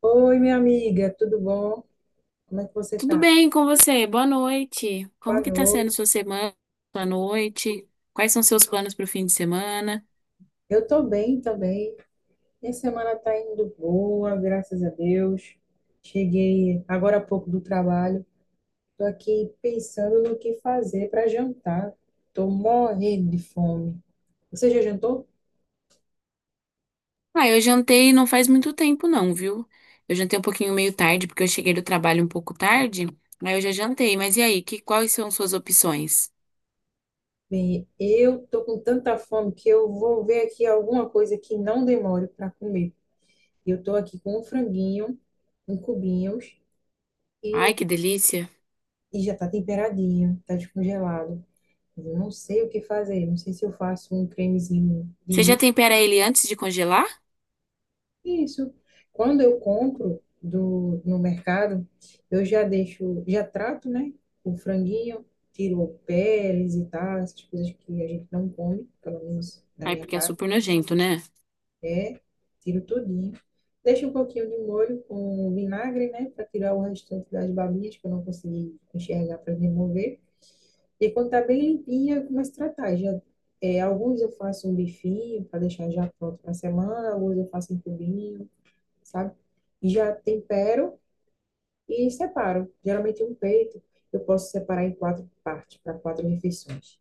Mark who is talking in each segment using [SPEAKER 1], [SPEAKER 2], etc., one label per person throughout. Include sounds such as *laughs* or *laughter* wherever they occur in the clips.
[SPEAKER 1] Oi, minha amiga, tudo bom? Como é que você
[SPEAKER 2] Tudo
[SPEAKER 1] tá?
[SPEAKER 2] bem com você? Boa noite.
[SPEAKER 1] Boa
[SPEAKER 2] Como que tá sendo
[SPEAKER 1] noite.
[SPEAKER 2] sua semana, sua noite? Quais são seus planos para o fim de semana?
[SPEAKER 1] Eu tô bem também. Minha semana tá indo boa, graças a Deus. Cheguei agora há pouco do trabalho. Tô aqui pensando no que fazer para jantar. Tô morrendo de fome. Você já jantou?
[SPEAKER 2] Ah, eu jantei não faz muito tempo não, viu? Eu jantei um pouquinho meio tarde, porque eu cheguei do trabalho um pouco tarde, aí eu já jantei. Mas e aí, quais são suas opções?
[SPEAKER 1] Bem, eu tô com tanta fome que eu vou ver aqui alguma coisa que não demore para comer. Eu tô aqui com um franguinho, em cubinhos
[SPEAKER 2] Ai,
[SPEAKER 1] e,
[SPEAKER 2] que delícia!
[SPEAKER 1] e já tá temperadinho, tá descongelado. Eu não sei o que fazer, não sei se eu faço um cremezinho de
[SPEAKER 2] Você já
[SPEAKER 1] milho.
[SPEAKER 2] tempera ele antes de congelar?
[SPEAKER 1] Isso. Quando eu compro no mercado, eu já deixo, já trato, né? O franguinho, tiro a peles e tal, essas coisas que a gente não come, pelo menos na
[SPEAKER 2] Ai,
[SPEAKER 1] minha
[SPEAKER 2] porque é
[SPEAKER 1] casa,
[SPEAKER 2] super nojento, né?
[SPEAKER 1] é, tiro tudinho. Deixo um pouquinho de molho com vinagre, né? Para tirar o restante das babinhas que eu não consegui enxergar para remover. E quando tá bem limpinha, eu começo a tratar. Já, é, alguns eu faço um bifinho para deixar já pronto para semana, alguns eu faço em cubinho, sabe? E já tempero e separo. Geralmente um peito eu posso separar em quatro partes, para quatro refeições.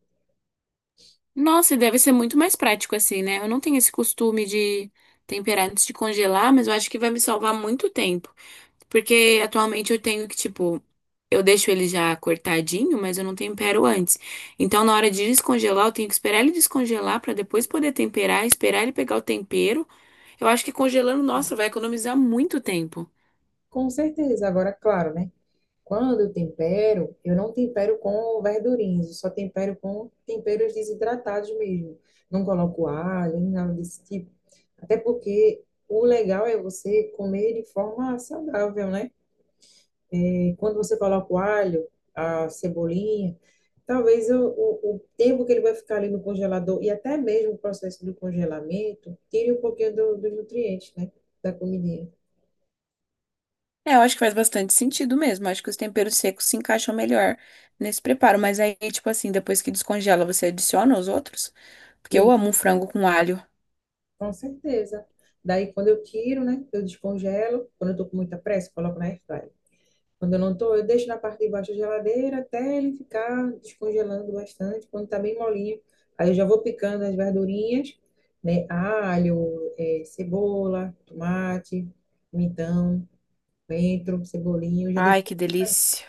[SPEAKER 2] Nossa, e deve ser muito mais prático assim, né? Eu não tenho esse costume de temperar antes de congelar, mas eu acho que vai me salvar muito tempo. Porque atualmente eu tenho que, tipo, eu deixo ele já cortadinho, mas eu não tempero antes. Então, na hora de descongelar, eu tenho que esperar ele descongelar pra depois poder temperar, esperar ele pegar o tempero. Eu acho que congelando, nossa, vai economizar muito tempo.
[SPEAKER 1] Com certeza, agora, claro, né? Quando eu tempero, eu não tempero com verdurinhas, eu só tempero com temperos desidratados mesmo. Não coloco alho, nem nada desse tipo. Até porque o legal é você comer de forma saudável, né? E quando você coloca o alho, a cebolinha, talvez o tempo que ele vai ficar ali no congelador e até mesmo o processo do congelamento tire um pouquinho do- dos nutrientes, né? Da comidinha.
[SPEAKER 2] É, eu acho que faz bastante sentido mesmo. Acho que os temperos secos se encaixam melhor nesse preparo. Mas aí, tipo assim, depois que descongela, você adiciona os outros? Porque eu
[SPEAKER 1] E
[SPEAKER 2] amo um frango com alho.
[SPEAKER 1] Com certeza. Daí, quando eu tiro, né, eu descongelo. Quando eu tô com muita pressa, eu coloco na airfryer. Quando eu não tô, eu deixo na parte de baixo da geladeira até ele ficar descongelando bastante. Quando tá bem molinho, aí eu já vou picando as verdurinhas, né, alho, cebola, tomate, pimentão, coentro, cebolinho. Eu já deixo,
[SPEAKER 2] Ai, que delícia.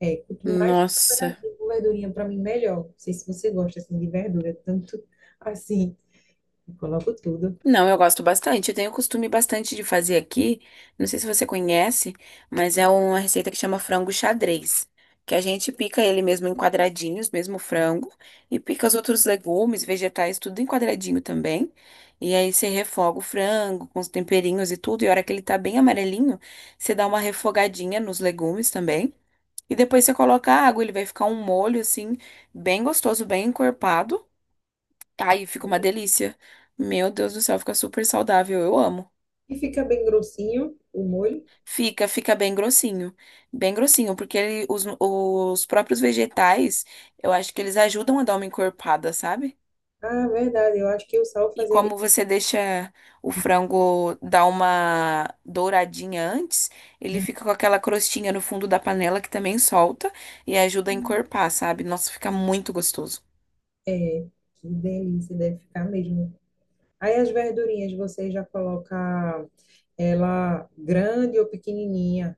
[SPEAKER 1] é, quanto mais
[SPEAKER 2] Nossa.
[SPEAKER 1] temperadinho com verdurinha, pra mim, melhor. Não sei se você gosta, assim, de verdura, tanto *laughs* assim. Eu coloco tudo.
[SPEAKER 2] Não, eu gosto bastante. Eu tenho costume bastante de fazer aqui. Não sei se você conhece, mas é uma receita que chama frango xadrez. Que a gente pica ele mesmo em quadradinhos, mesmo o frango, e pica os outros legumes, vegetais, tudo em quadradinho também. E aí você refoga o frango com os temperinhos e tudo. E a hora que ele tá bem amarelinho, você dá uma refogadinha nos legumes também. E depois você coloca a água, ele vai ficar um molho assim, bem gostoso, bem encorpado. Ai, fica uma delícia. Meu Deus do céu, fica super saudável. Eu amo.
[SPEAKER 1] E fica bem grossinho o molho.
[SPEAKER 2] Fica bem grossinho. Bem grossinho, porque ele- os próprios vegetais, eu acho que eles ajudam a dar uma encorpada, sabe?
[SPEAKER 1] Ah, verdade. Eu acho que o sal
[SPEAKER 2] E
[SPEAKER 1] salsas, ele...
[SPEAKER 2] como você deixa o frango dar uma douradinha antes, ele fica
[SPEAKER 1] Ah,
[SPEAKER 2] com aquela crostinha no fundo da panela que também solta e ajuda a encorpar, sabe? Nossa, fica muito gostoso.
[SPEAKER 1] que delícia, deve ficar mesmo. Aí as verdurinhas, você já coloca ela grande ou pequenininha?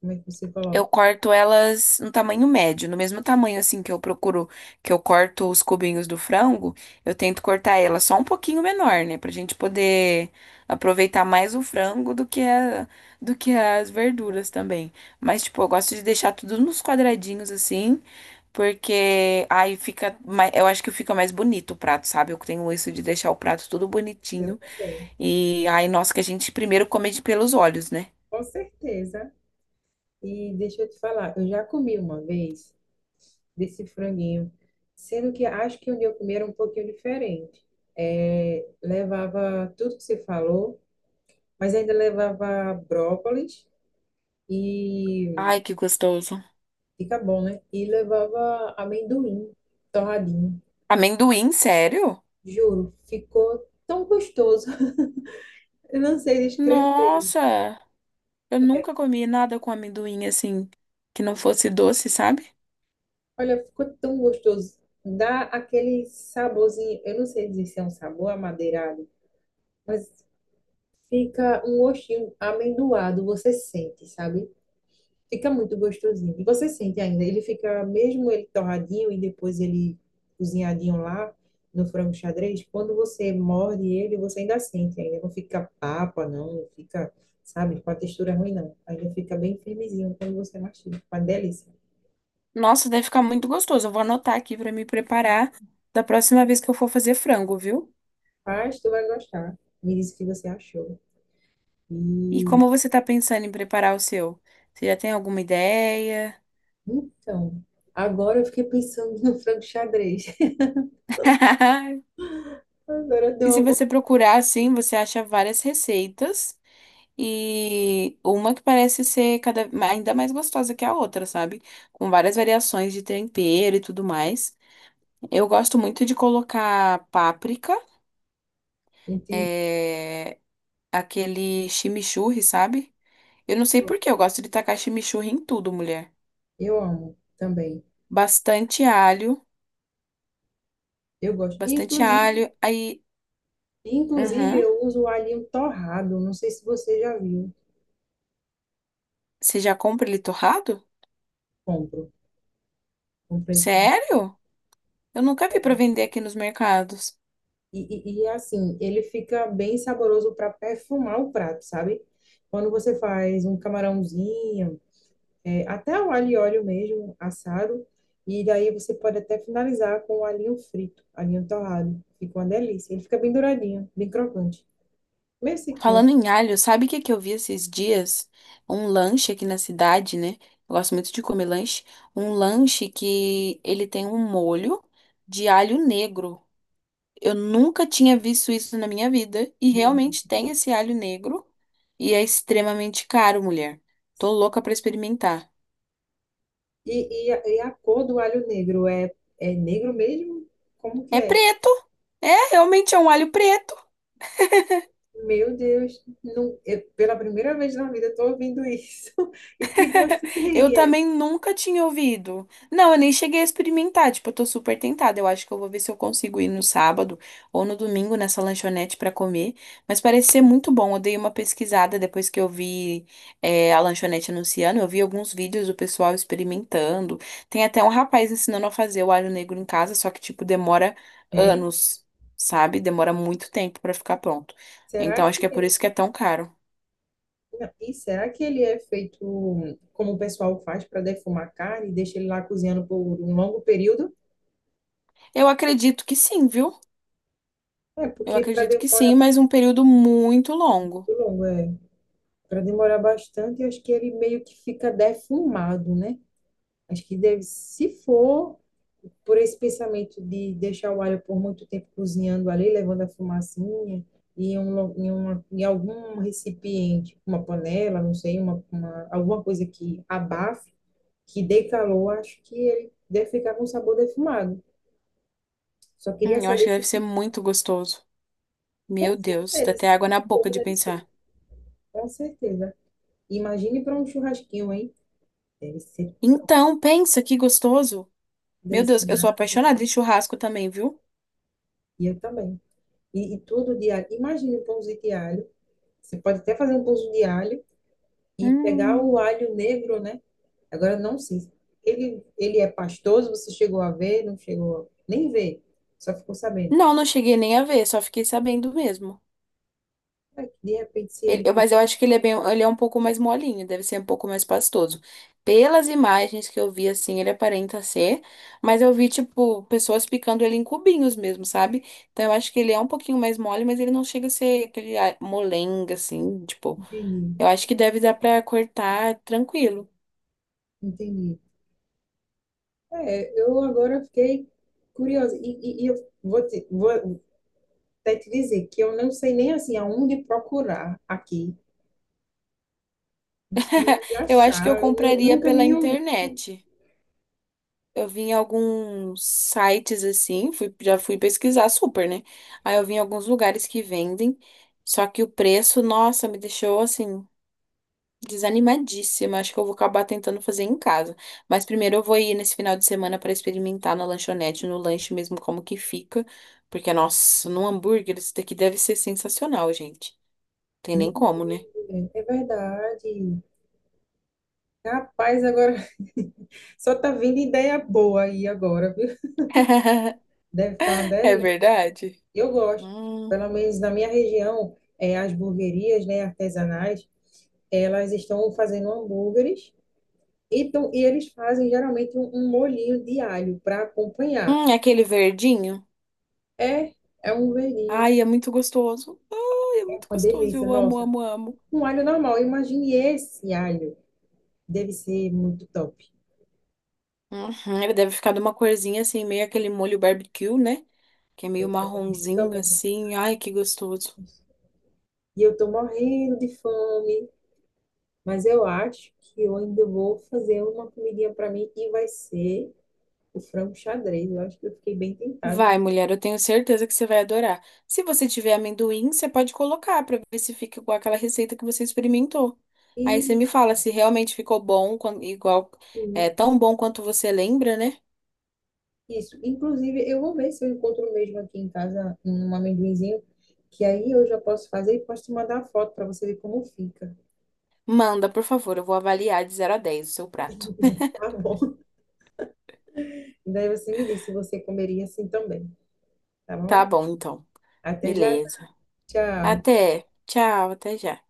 [SPEAKER 1] Como é que você
[SPEAKER 2] Eu
[SPEAKER 1] coloca?
[SPEAKER 2] corto elas no tamanho médio, no mesmo tamanho assim que eu procuro, que eu corto os cubinhos do frango, eu tento cortar ela só um pouquinho menor, né, pra gente poder aproveitar mais o frango do que a- do que as verduras também. Mas tipo, eu gosto de deixar tudo nos quadradinhos assim, porque aí fica, mai- eu acho que fica mais bonito o prato, sabe? Eu tenho isso de deixar o prato tudo
[SPEAKER 1] Eu
[SPEAKER 2] bonitinho
[SPEAKER 1] também,
[SPEAKER 2] e aí, nossa, que a gente primeiro come de pelos olhos, né?
[SPEAKER 1] com certeza. E deixa eu te falar, eu já comi uma vez desse franguinho, sendo que acho que onde eu comi era um pouquinho diferente. É, levava tudo que você falou, mas ainda levava brócolis e
[SPEAKER 2] Ai, que gostoso.
[SPEAKER 1] fica bom, né? E levava amendoim torradinho.
[SPEAKER 2] Amendoim, sério?
[SPEAKER 1] Juro, ficou tão gostoso. *laughs* Eu não sei descrever.
[SPEAKER 2] Nossa, eu nunca comi nada com amendoim assim, que não fosse doce, sabe?
[SPEAKER 1] Olha, ficou tão gostoso. Dá aquele saborzinho. Eu não sei dizer se é um sabor amadeirado, mas fica um gostinho amendoado. Você sente, sabe? Fica muito gostosinho. E você sente ainda, ele fica, mesmo ele torradinho e depois ele cozinhadinho lá no frango xadrez, quando você morde ele, você ainda sente ainda. Não fica papa, não, não fica, sabe, com a textura ruim, não. Ainda fica bem firmezinho quando você mastiga. Uma delícia.
[SPEAKER 2] Nossa, deve ficar muito gostoso. Eu vou anotar aqui pra me preparar da próxima vez que eu for fazer frango, viu?
[SPEAKER 1] Mas tu vai gostar. Me disse o que você achou.
[SPEAKER 2] E
[SPEAKER 1] E
[SPEAKER 2] como você tá pensando em preparar o seu? Você já tem alguma ideia?
[SPEAKER 1] então, agora eu fiquei pensando no frango xadrez. *laughs*
[SPEAKER 2] *laughs*
[SPEAKER 1] Agora deu
[SPEAKER 2] E se
[SPEAKER 1] uma... vo-
[SPEAKER 2] você procurar assim, você acha várias receitas e uma que parece ser cada ainda mais gostosa que a outra, sabe? Com várias variações de tempero e tudo mais. Eu gosto muito de colocar páprica,
[SPEAKER 1] Entendi.
[SPEAKER 2] é, aquele chimichurri, sabe? Eu não sei por que eu gosto de tacar chimichurri em tudo, mulher.
[SPEAKER 1] Eu amo também.
[SPEAKER 2] Bastante alho,
[SPEAKER 1] Eu gosto.
[SPEAKER 2] bastante
[SPEAKER 1] Inclusive,
[SPEAKER 2] alho. Aí,
[SPEAKER 1] Inclusive,
[SPEAKER 2] uhum.
[SPEAKER 1] eu uso o alho torrado, não sei se você já viu.
[SPEAKER 2] Você já compra ele torrado?
[SPEAKER 1] Compro, compro ele torrado.
[SPEAKER 2] Sério? Eu nunca vi pra vender aqui nos mercados.
[SPEAKER 1] E, assim, ele fica bem saboroso para perfumar o prato, sabe? Quando você faz um camarãozinho, é, até o alho e óleo mesmo, assado, e daí você pode até finalizar com o alhinho frito, alhinho torrado. Fica uma delícia. Ele fica bem douradinho, bem crocante, meio sequinho.
[SPEAKER 2] Falando em alho, sabe o que que eu vi esses dias? Um lanche aqui na cidade, né? Eu gosto muito de comer lanche. Um lanche que ele tem um molho de alho negro. Eu nunca tinha visto isso na minha vida e realmente tem esse alho negro e é extremamente caro, mulher. Tô louca pra experimentar.
[SPEAKER 1] E a cor do alho negro é, é negro mesmo? Como que
[SPEAKER 2] É
[SPEAKER 1] é?
[SPEAKER 2] preto. É, realmente é um alho preto.
[SPEAKER 1] Meu Deus, não, eu- pela primeira vez na vida eu tô ouvindo isso. *laughs* E que gosto
[SPEAKER 2] Eu
[SPEAKER 1] tem? É,
[SPEAKER 2] também nunca tinha ouvido. Não, eu nem cheguei a experimentar. Tipo, eu tô super tentada. Eu acho que eu vou ver se eu consigo ir no sábado ou no domingo nessa lanchonete pra comer. Mas parece ser muito bom. Eu dei uma pesquisada depois que eu vi, é, a lanchonete anunciando. Eu vi alguns vídeos do pessoal experimentando. Tem até um rapaz ensinando a fazer o alho negro em casa, só que, tipo, demora
[SPEAKER 1] sério?
[SPEAKER 2] anos, sabe? Demora muito tempo pra ficar pronto.
[SPEAKER 1] Será
[SPEAKER 2] Então, acho
[SPEAKER 1] que
[SPEAKER 2] que é por
[SPEAKER 1] ele,
[SPEAKER 2] isso que é tão caro.
[SPEAKER 1] não, e será que ele é feito como o pessoal faz para defumar carne e deixa ele lá cozinhando por um longo período?
[SPEAKER 2] Eu acredito que sim, viu?
[SPEAKER 1] É,
[SPEAKER 2] Eu
[SPEAKER 1] porque para
[SPEAKER 2] acredito que
[SPEAKER 1] demorar
[SPEAKER 2] sim, mas um período muito longo.
[SPEAKER 1] muito longo, é, para demorar bastante, eu acho que ele meio que fica defumado, né? Acho que deve, se for por esse pensamento de deixar o alho por muito tempo cozinhando ali, levando a fumacinha, em algum recipiente, uma panela, não sei, alguma coisa que abafe, que dê calor, acho que ele deve ficar com sabor defumado. Só queria
[SPEAKER 2] Eu acho
[SPEAKER 1] saber
[SPEAKER 2] que deve
[SPEAKER 1] se,
[SPEAKER 2] ser muito gostoso.
[SPEAKER 1] com
[SPEAKER 2] Meu Deus, dá
[SPEAKER 1] certeza,
[SPEAKER 2] até água
[SPEAKER 1] se
[SPEAKER 2] na boca
[SPEAKER 1] for,
[SPEAKER 2] de
[SPEAKER 1] deve ser.
[SPEAKER 2] pensar.
[SPEAKER 1] Com certeza. Imagine para um churrasquinho, hein? Deve ser,
[SPEAKER 2] Então, pensa que gostoso. Meu
[SPEAKER 1] deve ser
[SPEAKER 2] Deus, eu sou
[SPEAKER 1] maravilha.
[SPEAKER 2] apaixonada em churrasco também, viu?
[SPEAKER 1] E eu também. E tudo de alho. Imagine um pãozinho de alho. Você pode até fazer um pãozinho de alho e pegar
[SPEAKER 2] Hum.
[SPEAKER 1] o alho negro, né? Agora não sei. Ele é pastoso, você chegou a ver, não chegou, a- nem ver, só ficou sabendo.
[SPEAKER 2] Não, não cheguei nem a ver, só fiquei sabendo mesmo.
[SPEAKER 1] Ah, de repente, se
[SPEAKER 2] Ele-
[SPEAKER 1] ele
[SPEAKER 2] eu-
[SPEAKER 1] fosse.
[SPEAKER 2] mas eu acho que ele é bem, ele é um pouco mais molinho, deve ser um pouco mais pastoso. Pelas imagens que eu vi, assim, ele aparenta ser, mas eu vi, tipo, pessoas picando ele em cubinhos mesmo, sabe? Então eu acho que ele é um pouquinho mais mole, mas ele não chega a ser aquele ah, molenga, assim, tipo,
[SPEAKER 1] Entendi,
[SPEAKER 2] eu acho que deve dar pra cortar tranquilo.
[SPEAKER 1] entendi. É, eu agora fiquei curiosa. Eu vou até te dizer que eu não sei nem assim aonde procurar aqui. Não sei nem
[SPEAKER 2] *laughs*
[SPEAKER 1] onde
[SPEAKER 2] Eu acho que eu
[SPEAKER 1] achar. Eu nu-
[SPEAKER 2] compraria
[SPEAKER 1] nunca
[SPEAKER 2] pela
[SPEAKER 1] nem ouvi.
[SPEAKER 2] internet. Eu vi em alguns sites assim, fui, já fui pesquisar super, né? Aí eu vi em alguns lugares que vendem, só que o preço, nossa, me deixou assim, desanimadíssima. Acho que eu vou acabar tentando fazer em casa. Mas primeiro eu vou ir nesse final de semana para experimentar na lanchonete, no lanche mesmo, como que fica. Porque, nossa, num hambúrguer isso daqui deve ser sensacional, gente. Tem nem
[SPEAKER 1] Não,
[SPEAKER 2] como, né?
[SPEAKER 1] é é verdade. Rapaz, agora *laughs* só tá vindo ideia boa aí agora, viu?
[SPEAKER 2] *laughs*
[SPEAKER 1] Deve ficar uma
[SPEAKER 2] É
[SPEAKER 1] delícia.
[SPEAKER 2] verdade?
[SPEAKER 1] Eu gosto.
[SPEAKER 2] Hum,
[SPEAKER 1] Pelo menos na minha região, as hamburguerias, né, artesanais, elas estão fazendo hambúrgueres e, tão- e eles fazem geralmente um molhinho de alho para acompanhar.
[SPEAKER 2] aquele verdinho.
[SPEAKER 1] É, é um verninho,
[SPEAKER 2] Ai, é muito gostoso. Ai, é
[SPEAKER 1] é
[SPEAKER 2] muito
[SPEAKER 1] uma
[SPEAKER 2] gostoso.
[SPEAKER 1] delícia.
[SPEAKER 2] Eu amo,
[SPEAKER 1] Nossa,
[SPEAKER 2] amo, amo.
[SPEAKER 1] um alho normal. Imagine esse alho. Deve ser muito top.
[SPEAKER 2] Uhum, ele deve ficar de uma corzinha assim, meio aquele molho barbecue, né? Que é meio
[SPEAKER 1] Então, eu
[SPEAKER 2] marronzinho
[SPEAKER 1] também.
[SPEAKER 2] assim. Ai, que gostoso.
[SPEAKER 1] E eu tô morrendo de fome, mas eu acho que eu ainda vou fazer uma comidinha para mim e vai ser o frango xadrez. Eu acho que eu fiquei bem tentada.
[SPEAKER 2] Vai, mulher, eu tenho certeza que você vai adorar. Se você tiver amendoim, você pode colocar pra ver se fica igual aquela receita que você experimentou. Aí você me
[SPEAKER 1] Isso,
[SPEAKER 2] fala se realmente ficou bom, quan- igual, é tão bom quanto você lembra, né?
[SPEAKER 1] isso. Inclusive, eu vou ver se eu encontro mesmo aqui em casa um amendoinzinho, que aí eu já posso fazer e posso te mandar a foto para você ver como fica.
[SPEAKER 2] Manda, por favor, eu vou avaliar de 0 a 10 o seu prato.
[SPEAKER 1] Tá bom? *laughs* Daí você me diz se você comeria assim também, tá
[SPEAKER 2] Tá
[SPEAKER 1] bom?
[SPEAKER 2] bom, então.
[SPEAKER 1] Até já, já.
[SPEAKER 2] Beleza.
[SPEAKER 1] Tchau.
[SPEAKER 2] Até. Tchau, até já.